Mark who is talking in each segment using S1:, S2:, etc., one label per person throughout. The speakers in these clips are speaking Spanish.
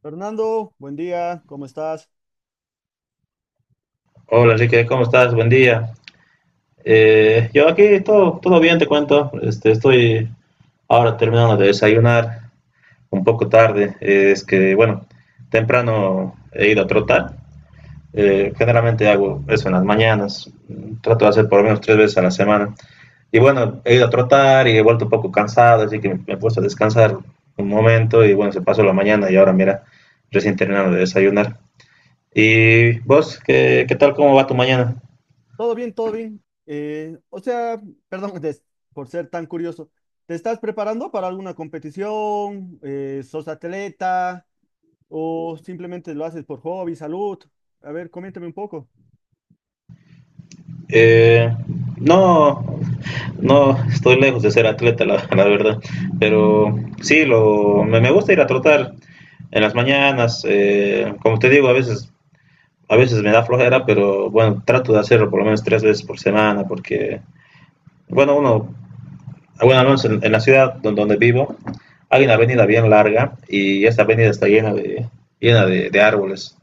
S1: Fernando, buen día, ¿cómo estás?
S2: Hola Enrique, ¿cómo estás? Buen día. Yo aquí todo bien, te cuento. Estoy ahora terminando de desayunar, un poco tarde. Es que, bueno, temprano he ido a trotar. Generalmente hago eso en las mañanas. Trato de hacer por lo menos tres veces a la semana. Y bueno, he ido a trotar y he vuelto un poco cansado, así que me he puesto a descansar un momento y bueno, se pasó la mañana y ahora mira, recién terminando de desayunar. ¿Y vos, qué tal? ¿Cómo va tu mañana?
S1: Todo bien, todo bien. Perdón des- por ser tan curioso. ¿Te estás preparando para alguna competición? ¿Sos atleta? ¿O simplemente lo haces por hobby, salud? A ver, coméntame un poco.
S2: Eh, no, no, estoy lejos de ser atleta, la, la verdad. Pero sí, me gusta ir a trotar en las mañanas. Como te digo, a veces me da flojera, pero bueno, trato de hacerlo por lo menos tres veces por semana, porque, bueno, al menos en la ciudad donde vivo, hay una avenida bien larga y esta avenida está llena de árboles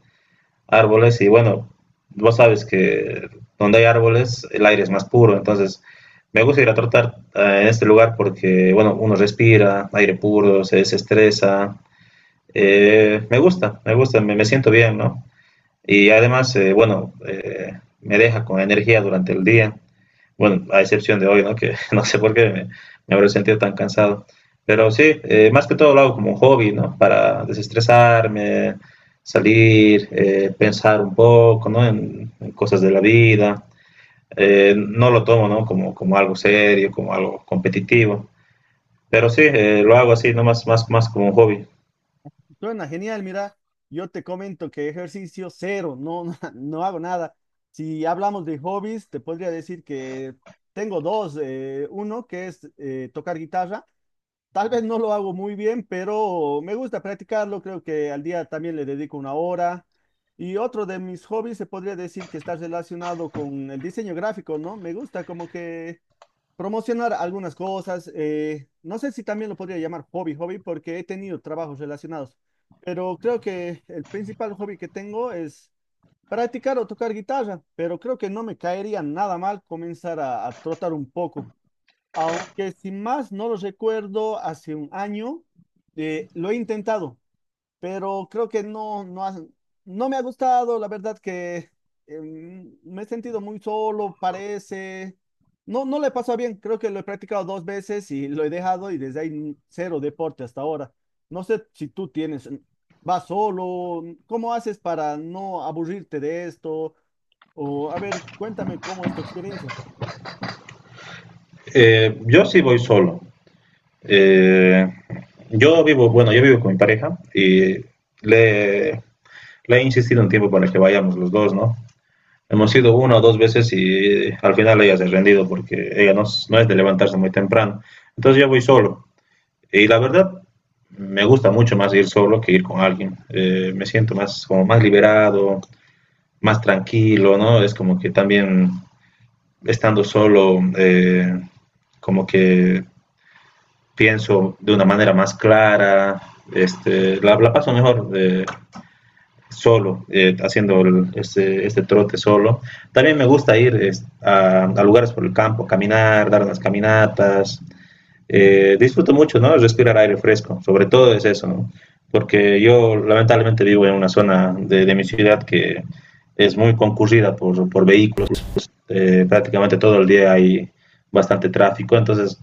S2: árboles y bueno, vos sabes que donde hay árboles el aire es más puro, entonces me gusta ir a trotar en este lugar porque, bueno, uno respira aire puro, se desestresa, me siento bien, ¿no? Y además, bueno, me deja con energía durante el día. Bueno, a excepción de hoy, ¿no? Que no sé por qué me habré sentido tan cansado. Pero sí, más que todo lo hago como un hobby, ¿no? Para desestresarme, salir, pensar un poco, ¿no? En cosas de la vida. No lo tomo, ¿no? Como algo serio, como algo competitivo. Pero sí, lo hago así, no más como un hobby.
S1: Suena genial, mira, yo te comento que ejercicio cero, no, no, no hago nada. Si hablamos de hobbies, te podría decir que tengo dos. Uno que es tocar guitarra. Tal vez no lo hago muy bien, pero me gusta practicarlo. Creo que al día también le dedico una hora. Y otro de mis hobbies se podría decir que está relacionado con el diseño gráfico, ¿no? Me gusta como que promocionar algunas cosas. No sé si también lo podría llamar hobby, porque he tenido trabajos relacionados. Pero creo que el principal hobby que tengo es practicar o tocar guitarra. Pero creo que no me caería nada mal comenzar a trotar un poco. Aunque sin más no lo recuerdo, hace un año lo he intentado, pero creo que no me ha gustado. La verdad que eh, me he sentido muy solo, parece. No, no le pasó bien. Creo que lo he practicado dos veces y lo he dejado y desde ahí cero deporte hasta ahora. No sé si tú tienes, vas solo, ¿cómo haces para no aburrirte de esto? O a ver, cuéntame cómo es tu experiencia.
S2: Yo sí voy solo. Eh, yo vivo con mi pareja y le, Le he insistido un tiempo para que vayamos los dos, ¿no? Hemos ido una o dos veces y al final ella se ha rendido porque ella no es de levantarse muy temprano. Entonces yo voy solo. Y la verdad, me gusta mucho más ir solo que ir con alguien. Me siento más, como más liberado, más tranquilo, ¿no? Es como que también estando solo, como que pienso de una manera más clara, la paso mejor. Solo, haciendo este trote solo. También me gusta ir a lugares por el campo, caminar, dar unas caminatas. Disfruto mucho, ¿no? Respirar aire fresco, sobre todo es eso, ¿no? Porque yo lamentablemente vivo en una zona de mi ciudad que es muy concurrida por vehículos. Prácticamente todo el día hay bastante tráfico, entonces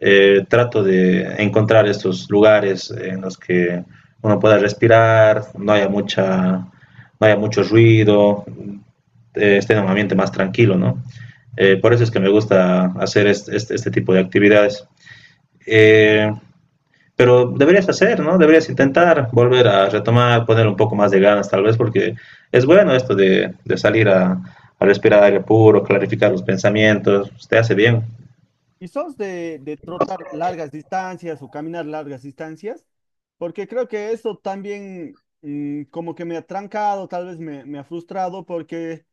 S2: trato de encontrar estos lugares en los que uno pueda respirar, no haya mucho ruido, esté en un ambiente más tranquilo, ¿no? Por eso es que me gusta hacer este tipo de actividades. Eh, pero deberías hacer, ¿no? Deberías intentar volver a retomar, poner un poco más de ganas tal vez, porque es bueno esto de salir respirar aire puro, clarificar los pensamientos, te hace bien.
S1: Y sos de trotar largas distancias o caminar largas distancias, porque creo que eso también como que me ha trancado, tal vez me ha frustrado, porque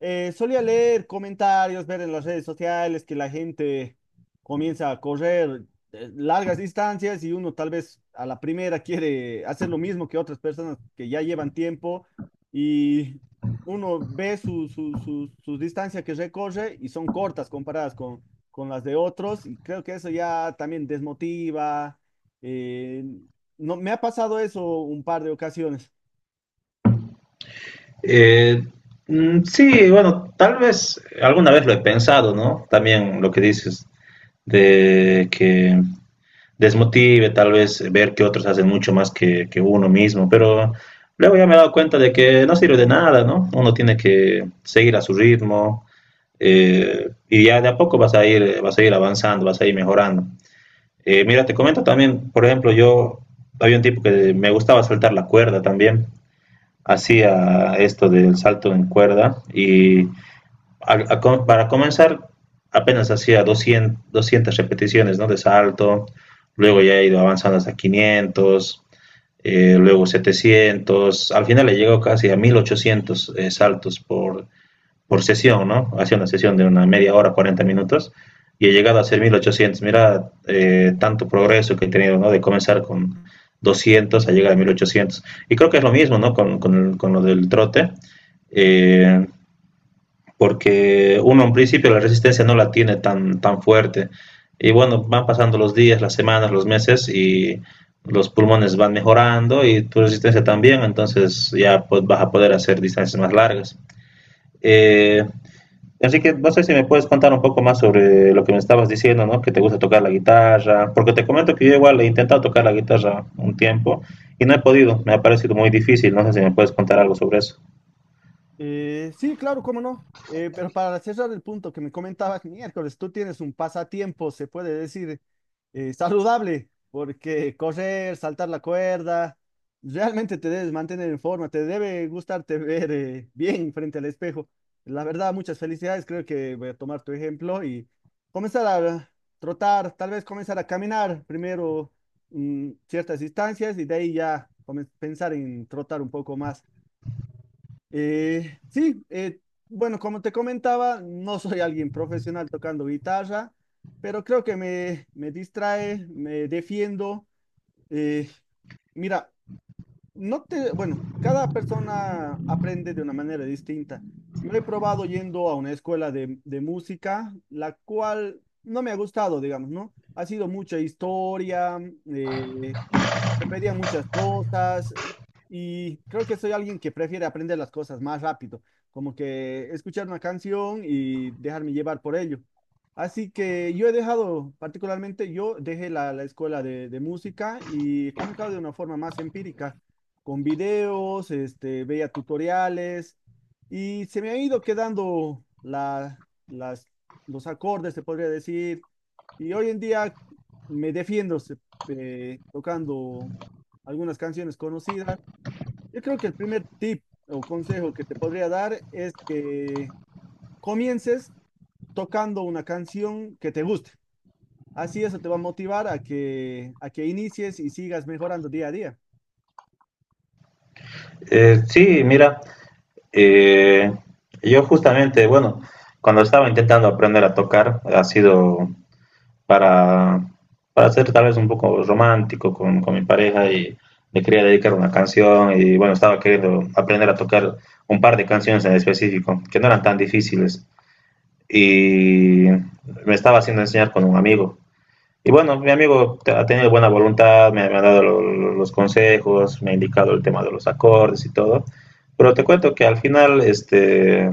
S1: solía leer comentarios, ver en las redes sociales que la gente comienza a correr largas distancias y uno tal vez a la primera quiere hacer lo mismo que otras personas que ya llevan tiempo y uno ve sus distancias que recorre y son cortas comparadas con las de otros y creo que eso ya también desmotiva. eh, no, me ha pasado eso un par de ocasiones.
S2: Eh, mm, sí, bueno, tal vez alguna vez lo he pensado, ¿no? También lo que dices de que desmotive tal vez ver que otros hacen mucho más que uno mismo, pero luego ya me he dado cuenta de que no sirve de nada, ¿no? Uno tiene que seguir a su ritmo. Y ya de a poco vas a ir avanzando, vas a ir mejorando. Mira, te comento también, por ejemplo, yo había un tipo que me gustaba saltar la cuerda también, hacía esto del salto en cuerda y para comenzar, apenas hacía 200 repeticiones, ¿no? De salto, luego ya he ido avanzando hasta 500, luego 700, al final he llegado casi a 1800 saltos por sesión, ¿no? Hacía una sesión de una media hora, 40 minutos, y he llegado a hacer 1800. Mira, tanto progreso que he tenido, ¿no? De comenzar con 200 a llegar a 1800. Y creo que es lo mismo, ¿no? Con lo del trote. Eh, porque uno en principio la resistencia no la tiene tan, tan fuerte. Y bueno, van pasando los días, las semanas, los meses y los pulmones van mejorando y tu resistencia también, entonces ya pues, vas a poder hacer distancias más largas. Eh, así que no sé si me puedes contar un poco más sobre lo que me estabas diciendo, ¿no? Que te gusta tocar la guitarra, porque te comento que yo igual he intentado tocar la guitarra un tiempo y no he podido, me ha parecido muy difícil, no sé si me puedes contar algo sobre eso.
S1: Sí, claro, cómo no. Pero para cerrar el punto que me comentabas miércoles, tú tienes un pasatiempo, se puede decir, saludable, porque correr, saltar la cuerda, realmente te debes mantener en forma, te debe gustarte ver bien frente al espejo. La verdad, muchas felicidades, creo que voy a tomar tu ejemplo y comenzar a trotar, tal vez comenzar a caminar primero ciertas distancias y de ahí ya pensar en trotar un poco más. Eh, sí, eh, bueno, como te comentaba, no soy alguien profesional tocando guitarra, pero creo que me distrae, me defiendo. eh, Mira, no te, bueno, cada persona aprende de una manera distinta. Yo he probado yendo a una escuela de música, la cual no me ha gustado, digamos, ¿no? Ha sido mucha historia, eh, te pedían muchas cosas y creo que soy alguien que prefiere aprender las cosas más rápido, como que escuchar una canción y dejarme llevar por ello. Así que yo he dejado, particularmente yo dejé la escuela de música y he comenzado de una forma más empírica, con videos, este, veía tutoriales y se me ha ido quedando los acordes, se podría decir, y hoy en día me defiendo, tocando algunas canciones conocidas. Yo creo que el primer tip o consejo que te podría dar es que comiences tocando una canción que te guste. Así eso te va a motivar a que inicies y sigas mejorando día a día.
S2: Sí, mira. Eh, yo justamente, bueno, cuando estaba intentando aprender a tocar, ha sido para, para ser tal vez un poco romántico con mi pareja y le quería dedicar una canción y bueno, estaba queriendo aprender a tocar un par de canciones en específico, que no eran tan difíciles. Y me estaba haciendo enseñar con un amigo y bueno, mi amigo ha tenido buena voluntad, me ha dado los consejos, me ha indicado el tema de los acordes y todo. Pero te cuento que al final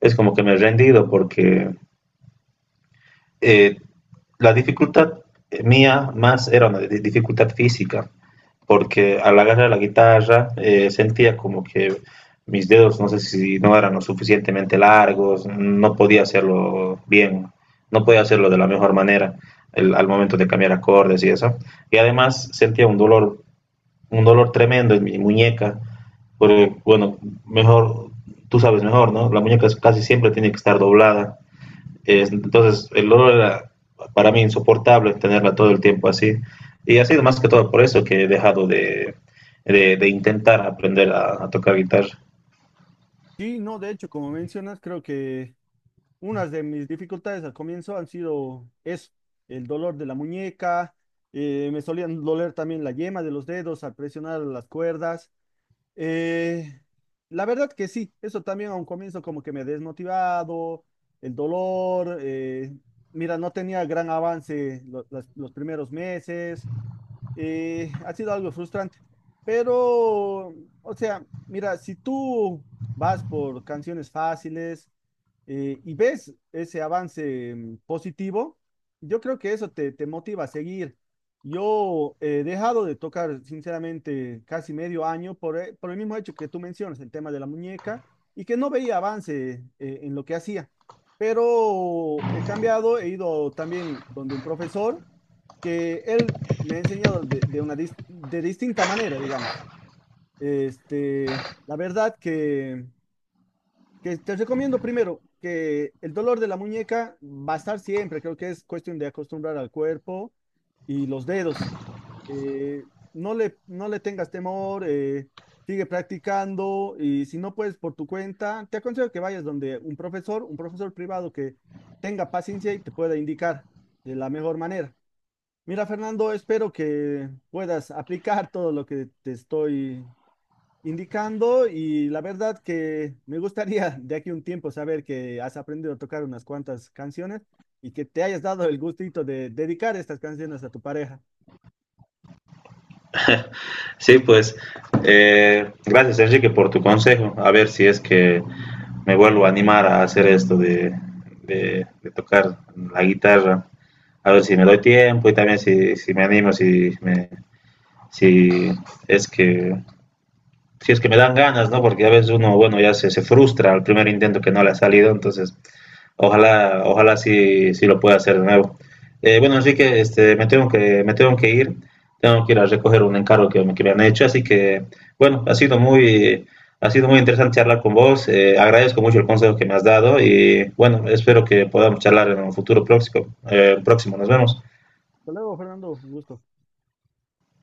S2: es como que me he rendido porque eh, la dificultad mía más era una dificultad física porque al agarrar la guitarra sentía como que mis dedos, no sé si no eran lo suficientemente largos, no podía hacerlo bien, no podía hacerlo de la mejor manera al momento de cambiar acordes y eso. Y además sentía un dolor tremendo en mi muñeca, porque bueno, mejor, tú sabes mejor, ¿no? La muñeca casi siempre tiene que estar doblada, entonces, el olor era para mí insoportable tenerla todo el tiempo así. Y ha sido más que todo por eso que he dejado de intentar aprender tocar guitarra.
S1: Sí, no, de hecho, como mencionas, creo que unas de mis dificultades al comienzo han sido eso, el dolor de la muñeca, me solían doler también la yema de los dedos al presionar las cuerdas. Eh, la verdad que sí, eso también a un comienzo como que me he desmotivado, el dolor, mira, no tenía gran avance los primeros meses, ha sido algo frustrante. Pero, o sea, mira, si tú vas por canciones fáciles y ves ese avance positivo, yo creo que eso te motiva a seguir. Yo he dejado de tocar, sinceramente, casi medio año por, por el mismo hecho que tú mencionas, el tema de la muñeca, y que no veía avance en lo que hacía. Pero he cambiado, he ido también donde un profesor que él me ha enseñado de una de distinta manera, digamos. Este, la verdad que te recomiendo primero que el dolor de la muñeca va a estar siempre, creo que es cuestión de acostumbrar al cuerpo y los dedos. Eh, no le tengas temor, sigue practicando y si no puedes por tu cuenta, te aconsejo que vayas donde un profesor privado que tenga paciencia y te pueda indicar de la mejor manera. Mira, Fernando, espero que puedas aplicar todo lo que te estoy indicando y la verdad que me gustaría de aquí a un tiempo saber que has aprendido a tocar unas cuantas canciones y que te hayas dado el gustito de dedicar estas canciones a tu pareja.
S2: Sí, pues, gracias Enrique por tu consejo. A ver si es que me vuelvo a animar a hacer esto de tocar la guitarra. A ver si me doy tiempo y también si me animo, si es que si es que me dan ganas, ¿no? Porque a veces uno, bueno, ya se frustra al primer intento que no le ha salido, entonces ojalá, ojalá sí, sí lo pueda hacer de nuevo. Bueno, Enrique, me tengo que ir a recoger un encargo que me han hecho, así que, bueno, ha sido muy interesante charlar con vos, agradezco mucho el consejo que me has dado y, bueno, espero que podamos charlar en un futuro próximo. Nos vemos.
S1: Hasta luego, Fernando, un gusto.